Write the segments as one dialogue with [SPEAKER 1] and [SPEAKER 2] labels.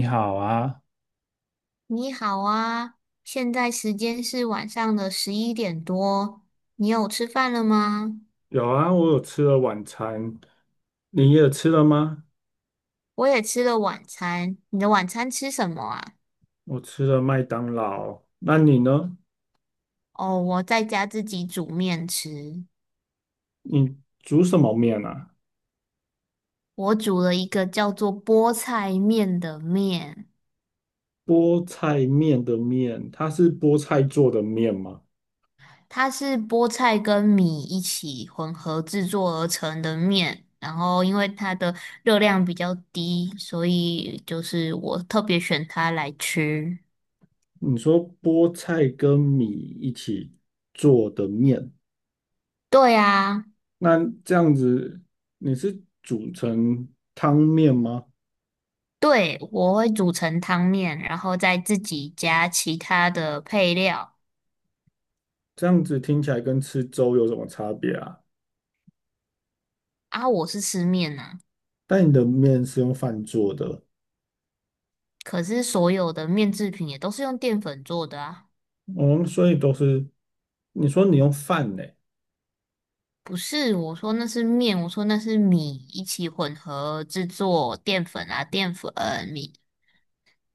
[SPEAKER 1] 你好啊，
[SPEAKER 2] 你好啊，现在时间是晚上的11点多，你有吃饭了吗？
[SPEAKER 1] 有啊，我有吃了晚餐，你也吃了吗？
[SPEAKER 2] 我也吃了晚餐，你的晚餐吃什么啊？
[SPEAKER 1] 我吃了麦当劳，那你呢？
[SPEAKER 2] 哦，我在家自己煮面吃，
[SPEAKER 1] 你煮什么面啊？
[SPEAKER 2] 我煮了一个叫做菠菜面的面，
[SPEAKER 1] 菠菜面的面，它是菠菜做的面吗？
[SPEAKER 2] 它是菠菜跟米一起混合制作而成的面，然后因为它的热量比较低，所以就是我特别选它来吃。
[SPEAKER 1] 你说菠菜跟米一起做的面，
[SPEAKER 2] 对啊。
[SPEAKER 1] 那这样子你是煮成汤面吗？
[SPEAKER 2] 对，我会煮成汤面，然后再自己加其他的配料。
[SPEAKER 1] 这样子听起来跟吃粥有什么差别啊？
[SPEAKER 2] 啊，我是吃面呐，
[SPEAKER 1] 但你的面是用饭做的。
[SPEAKER 2] 可是所有的面制品也都是用淀粉做的啊。
[SPEAKER 1] 哦，所以都是你说你用饭呢？
[SPEAKER 2] 不是，我说那是面，我说那是米，一起混合制作淀粉啊，淀粉米。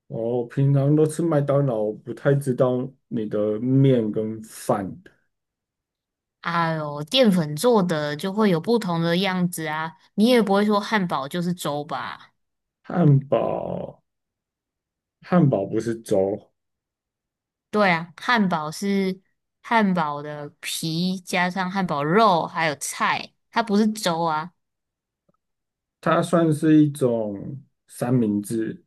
[SPEAKER 1] 哦，平常都吃麦当劳，我不太知道你的面跟饭。
[SPEAKER 2] 哎呦，淀粉做的就会有不同的样子啊，你也不会说汉堡就是粥吧？
[SPEAKER 1] 汉堡，汉堡不是粥，
[SPEAKER 2] 对啊，汉堡是汉堡的皮加上汉堡肉还有菜，它不是粥啊。
[SPEAKER 1] 它算是一种三明治。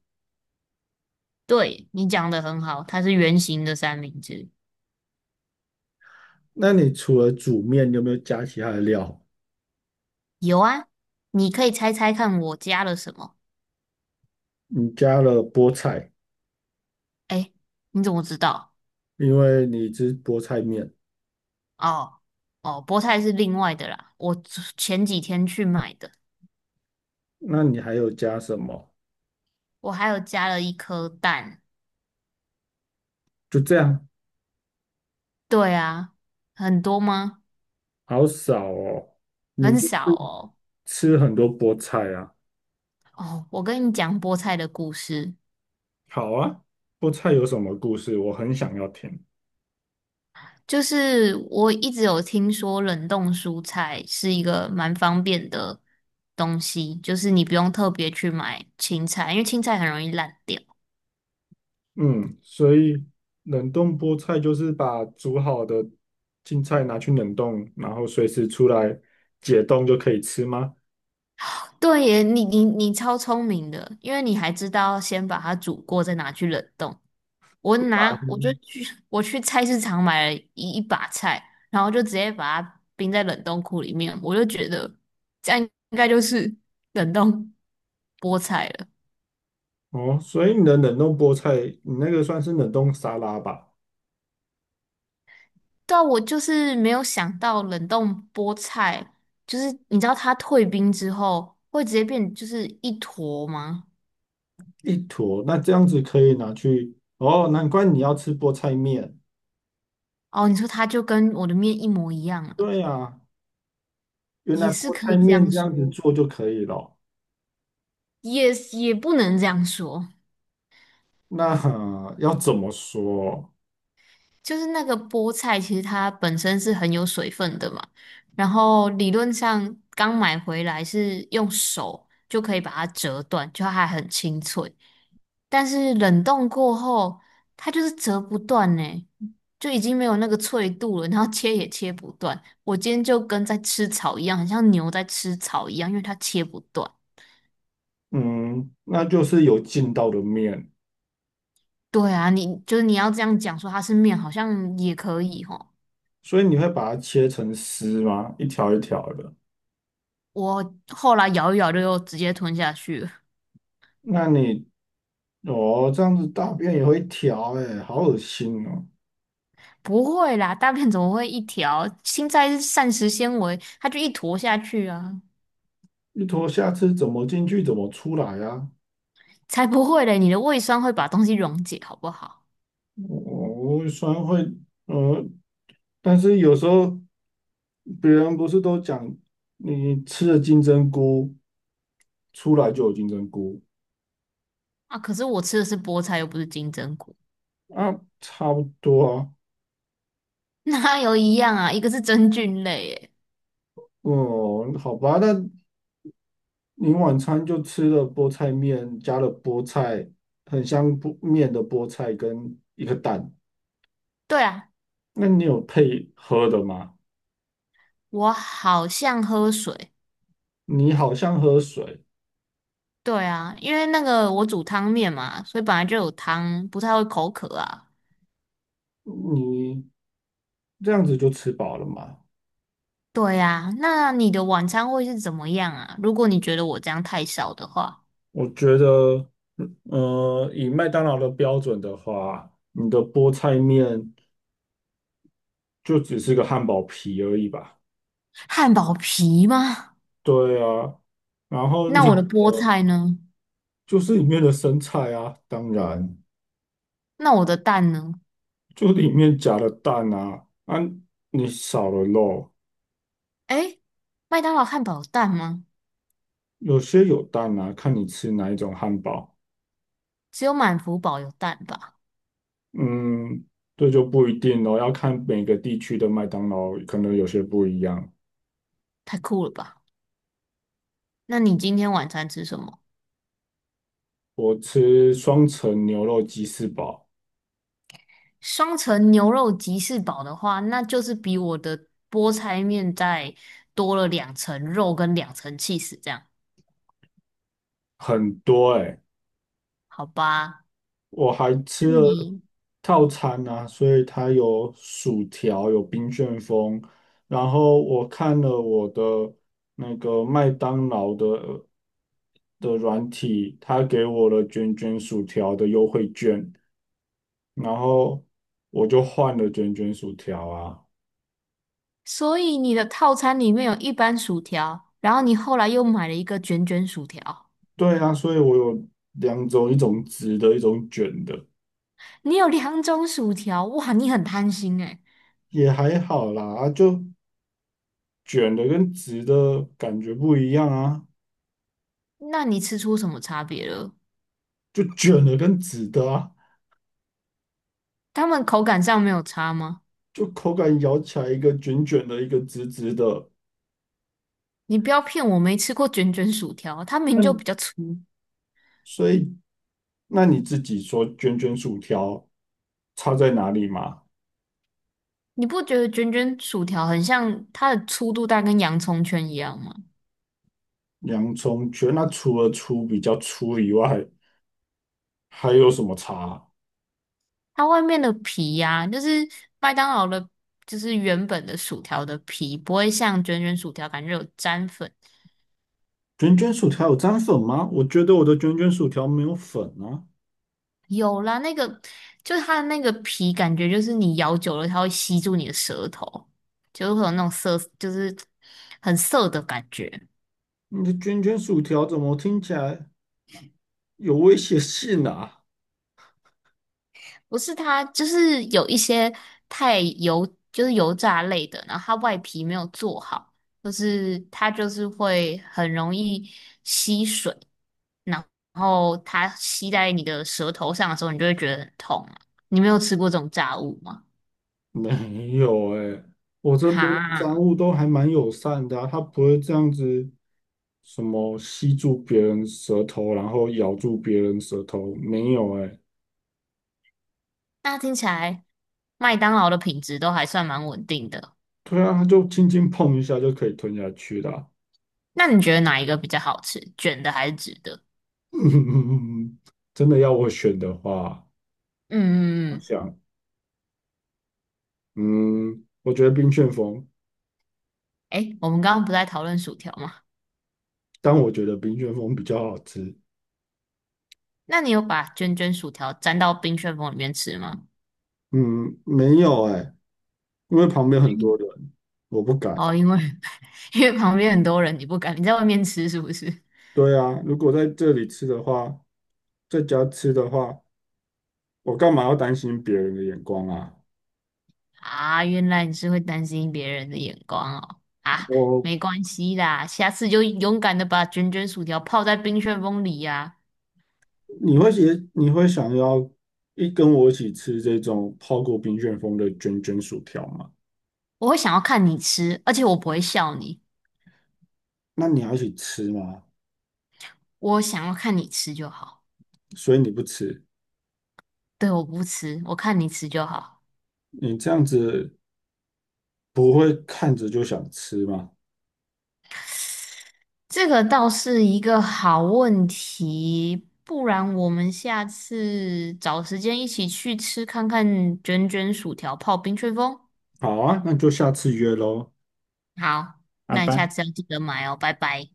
[SPEAKER 2] 对，你讲的很好，它是圆形的三明治。
[SPEAKER 1] 那你除了煮面，你有没有加其他的料？
[SPEAKER 2] 有啊，你可以猜猜看我加了什么？
[SPEAKER 1] 你加了菠菜，
[SPEAKER 2] 哎，你怎么知道？
[SPEAKER 1] 因为你吃菠菜面。
[SPEAKER 2] 哦哦，菠菜是另外的啦，我昨前几天去买的。
[SPEAKER 1] 那你还有加什么？
[SPEAKER 2] 我还有加了一颗蛋。
[SPEAKER 1] 就这样，
[SPEAKER 2] 对啊，很多吗？
[SPEAKER 1] 好少哦。你
[SPEAKER 2] 很
[SPEAKER 1] 就
[SPEAKER 2] 少
[SPEAKER 1] 是
[SPEAKER 2] 哦。
[SPEAKER 1] 吃很多菠菜啊。
[SPEAKER 2] 哦，我跟你讲菠菜的故事。
[SPEAKER 1] 好啊，菠菜有什么故事？我很想要听。
[SPEAKER 2] 就是我一直有听说冷冻蔬菜是一个蛮方便的东西，就是你不用特别去买青菜，因为青菜很容易烂掉。
[SPEAKER 1] 嗯，所以冷冻菠菜就是把煮好的青菜拿去冷冻，然后随时出来解冻就可以吃吗？
[SPEAKER 2] 对耶，你超聪明的，因为你还知道先把它煮过，再拿去冷冻。我拿我就
[SPEAKER 1] 嗯
[SPEAKER 2] 去我去菜市场买了一把菜，然后就直接把它冰在冷冻库里面，我就觉得这样应该就是冷冻菠菜了。
[SPEAKER 1] 哦，所以你的冷冻菠菜，你那个算是冷冻沙拉吧？
[SPEAKER 2] 对啊我就是没有想到冷冻菠菜，就是你知道它退冰之后会直接变就是一坨吗？
[SPEAKER 1] 一坨，那这样子可以拿去。哦，难怪你要吃菠菜面。
[SPEAKER 2] 哦，你说它就跟我的面一模一样了，
[SPEAKER 1] 对啊，原来
[SPEAKER 2] 也是
[SPEAKER 1] 菠
[SPEAKER 2] 可
[SPEAKER 1] 菜
[SPEAKER 2] 以这
[SPEAKER 1] 面
[SPEAKER 2] 样
[SPEAKER 1] 这样子
[SPEAKER 2] 说，
[SPEAKER 1] 做就可以了。
[SPEAKER 2] 也不能这样说，
[SPEAKER 1] 那要怎么说？
[SPEAKER 2] 就是那个菠菜其实它本身是很有水分的嘛，然后理论上刚买回来是用手就可以把它折断，就它还很清脆，但是冷冻过后它就是折不断呢。就已经没有那个脆度了，然后切也切不断。我今天就跟在吃草一样，很像牛在吃草一样，因为它切不断。
[SPEAKER 1] 嗯，那就是有劲道的面，
[SPEAKER 2] 对啊，你就是你要这样讲说它是面，好像也可以吼。
[SPEAKER 1] 所以你会把它切成丝吗？一条一条的。
[SPEAKER 2] 我后来咬一咬就又直接吞下去了。
[SPEAKER 1] 那你哦，这样子大便也会条哎、好恶心哦！
[SPEAKER 2] 不会啦，大便怎么会一条？青菜是膳食纤维，它就一坨下去啊，
[SPEAKER 1] 一坨下次怎么进去，怎么出来啊？
[SPEAKER 2] 才不会嘞！你的胃酸会把东西溶解，好不好？
[SPEAKER 1] 我虽然会，呃，但是有时候别人不是都讲，你吃了金针菇出来就有金针菇
[SPEAKER 2] 啊，可是我吃的是菠菜，又不是金针菇，
[SPEAKER 1] 啊，差不多啊。
[SPEAKER 2] 哪有一样啊？一个是真菌类，诶。
[SPEAKER 1] 哦，好吧，那你晚餐就吃了菠菜面，加了菠菜，很香菠面的菠菜跟一个蛋。
[SPEAKER 2] 对啊，
[SPEAKER 1] 那你有配喝的吗？
[SPEAKER 2] 我好像喝水，
[SPEAKER 1] 你好像喝水，
[SPEAKER 2] 对啊，因为那个我煮汤面嘛，所以本来就有汤，不太会口渴啊。
[SPEAKER 1] 你这样子就吃饱了吗？
[SPEAKER 2] 对呀，那你的晚餐会是怎么样啊？如果你觉得我这样太少的话，
[SPEAKER 1] 我觉得，以麦当劳的标准的话，你的菠菜面就只是个汉堡皮而已吧？
[SPEAKER 2] 汉堡皮吗？
[SPEAKER 1] 对啊，然后
[SPEAKER 2] 那
[SPEAKER 1] 你
[SPEAKER 2] 我的菠菜呢？
[SPEAKER 1] 就是里面的生菜啊，当然。
[SPEAKER 2] 那我的蛋呢？
[SPEAKER 1] 就里面夹了蛋啊，啊，你少了肉，
[SPEAKER 2] 诶，麦当劳汉堡有蛋吗？
[SPEAKER 1] 有些有蛋啊，看你吃哪一种汉堡。
[SPEAKER 2] 只有满福堡有蛋吧？
[SPEAKER 1] 嗯，这就不一定咯，要看每个地区的麦当劳可能有些不一样。
[SPEAKER 2] 太酷了吧？那你今天晚餐吃什么？
[SPEAKER 1] 我吃双层牛肉鸡翅堡，
[SPEAKER 2] 双层牛肉吉士堡的话，那就是比我的菠菜面再多了两层肉跟两层 cheese，这样
[SPEAKER 1] 很多诶、
[SPEAKER 2] 好吧？
[SPEAKER 1] 我还吃
[SPEAKER 2] 那
[SPEAKER 1] 了
[SPEAKER 2] 你
[SPEAKER 1] 套餐啊，所以它有薯条，有冰旋风，然后我看了我的那个麦当劳的软体，它给我了卷卷薯条的优惠券，然后我就换了卷卷薯条啊。
[SPEAKER 2] 所以你的套餐里面有一般薯条，然后你后来又买了一个卷卷薯条，
[SPEAKER 1] 对啊，所以我有两种，一种直的，一种卷的，
[SPEAKER 2] 你有两种薯条，哇，你很贪心诶。
[SPEAKER 1] 也还好啦，啊就卷的跟直的感觉不一样啊，
[SPEAKER 2] 那你吃出什么差别了？
[SPEAKER 1] 就卷的跟直的啊。
[SPEAKER 2] 他们口感上没有差吗？
[SPEAKER 1] 就口感咬起来一个卷卷的，一个直直的。
[SPEAKER 2] 你不要骗我，没吃过卷卷薯条，它名就比较
[SPEAKER 1] 那
[SPEAKER 2] 粗。
[SPEAKER 1] 所以，那你自己说卷卷薯条差在哪里嘛？
[SPEAKER 2] 你不觉得卷卷薯条很像它的粗度大概跟洋葱圈一样吗？
[SPEAKER 1] 洋葱卷，那除了粗比较粗以外，还有什么差啊
[SPEAKER 2] 它外面的皮呀、就是麦当劳的，就是原本的薯条的皮，不会像卷卷薯条感觉有粘粉。
[SPEAKER 1] 卷卷薯条有沾粉吗？我觉得我的卷卷薯条没有粉啊。
[SPEAKER 2] 有啦，那个就是它的那个皮，感觉就是你咬久了，它会吸住你的舌头，就会有那种涩，就是很涩的感觉。
[SPEAKER 1] 你的卷卷薯条怎么听起来有威胁性啊？
[SPEAKER 2] 不是它，就是有一些太油，就是油炸类的，然后它外皮没有做好，就是它就是会很容易吸水，然后它吸在你的舌头上的时候，你就会觉得很痛啊。你没有吃过这种炸物吗？
[SPEAKER 1] 没有哎、我这边商
[SPEAKER 2] 哈，
[SPEAKER 1] 务都还蛮友善的啊，他不会这样子什么吸住别人舌头，然后咬住别人舌头，没有哎、
[SPEAKER 2] 那听起来麦当劳的品质都还算蛮稳定的。
[SPEAKER 1] 对啊，他就轻轻碰一下就可以吞下去啦。
[SPEAKER 2] 那你觉得哪一个比较好吃，卷的还是直的？
[SPEAKER 1] 真的要我选的话，
[SPEAKER 2] 嗯
[SPEAKER 1] 我
[SPEAKER 2] 嗯嗯，
[SPEAKER 1] 想，嗯，我觉得冰旋风，
[SPEAKER 2] 诶，我们刚刚不在讨论薯条吗？
[SPEAKER 1] 但我觉得冰旋风比较好吃。
[SPEAKER 2] 那你有把卷卷薯条沾到冰旋风里面吃吗？
[SPEAKER 1] 嗯，没有哎、因为旁边很多
[SPEAKER 2] 嗯
[SPEAKER 1] 人，我不敢。
[SPEAKER 2] 哦，因为 因为旁边很多人，你不敢，你在外面吃是不是？
[SPEAKER 1] 对啊，如果在这里吃的话，在家吃的话，我干嘛要担心别人的眼光啊？
[SPEAKER 2] 啊，原来你是会担心别人的眼光哦。啊，
[SPEAKER 1] 我。
[SPEAKER 2] 没关系啦，下次就勇敢的把卷卷薯条泡在冰旋风里呀、
[SPEAKER 1] 你会想要跟我一起吃这种泡过冰旋风的卷卷薯条吗？
[SPEAKER 2] 我会想要看你吃，而且我不会笑你，
[SPEAKER 1] 那你要一起吃吗？
[SPEAKER 2] 我想要看你吃就好。
[SPEAKER 1] 所以你不吃，
[SPEAKER 2] 对，我不吃，我看你吃就好。
[SPEAKER 1] 你这样子不会看着就想吃吗？
[SPEAKER 2] 这个倒是一个好问题，不然我们下次找时间一起去吃看看卷卷薯条泡冰吹风。
[SPEAKER 1] 好啊，那就下次约喽，
[SPEAKER 2] 好，
[SPEAKER 1] 拜
[SPEAKER 2] 那你下
[SPEAKER 1] 拜。
[SPEAKER 2] 次要记得买哦，拜拜。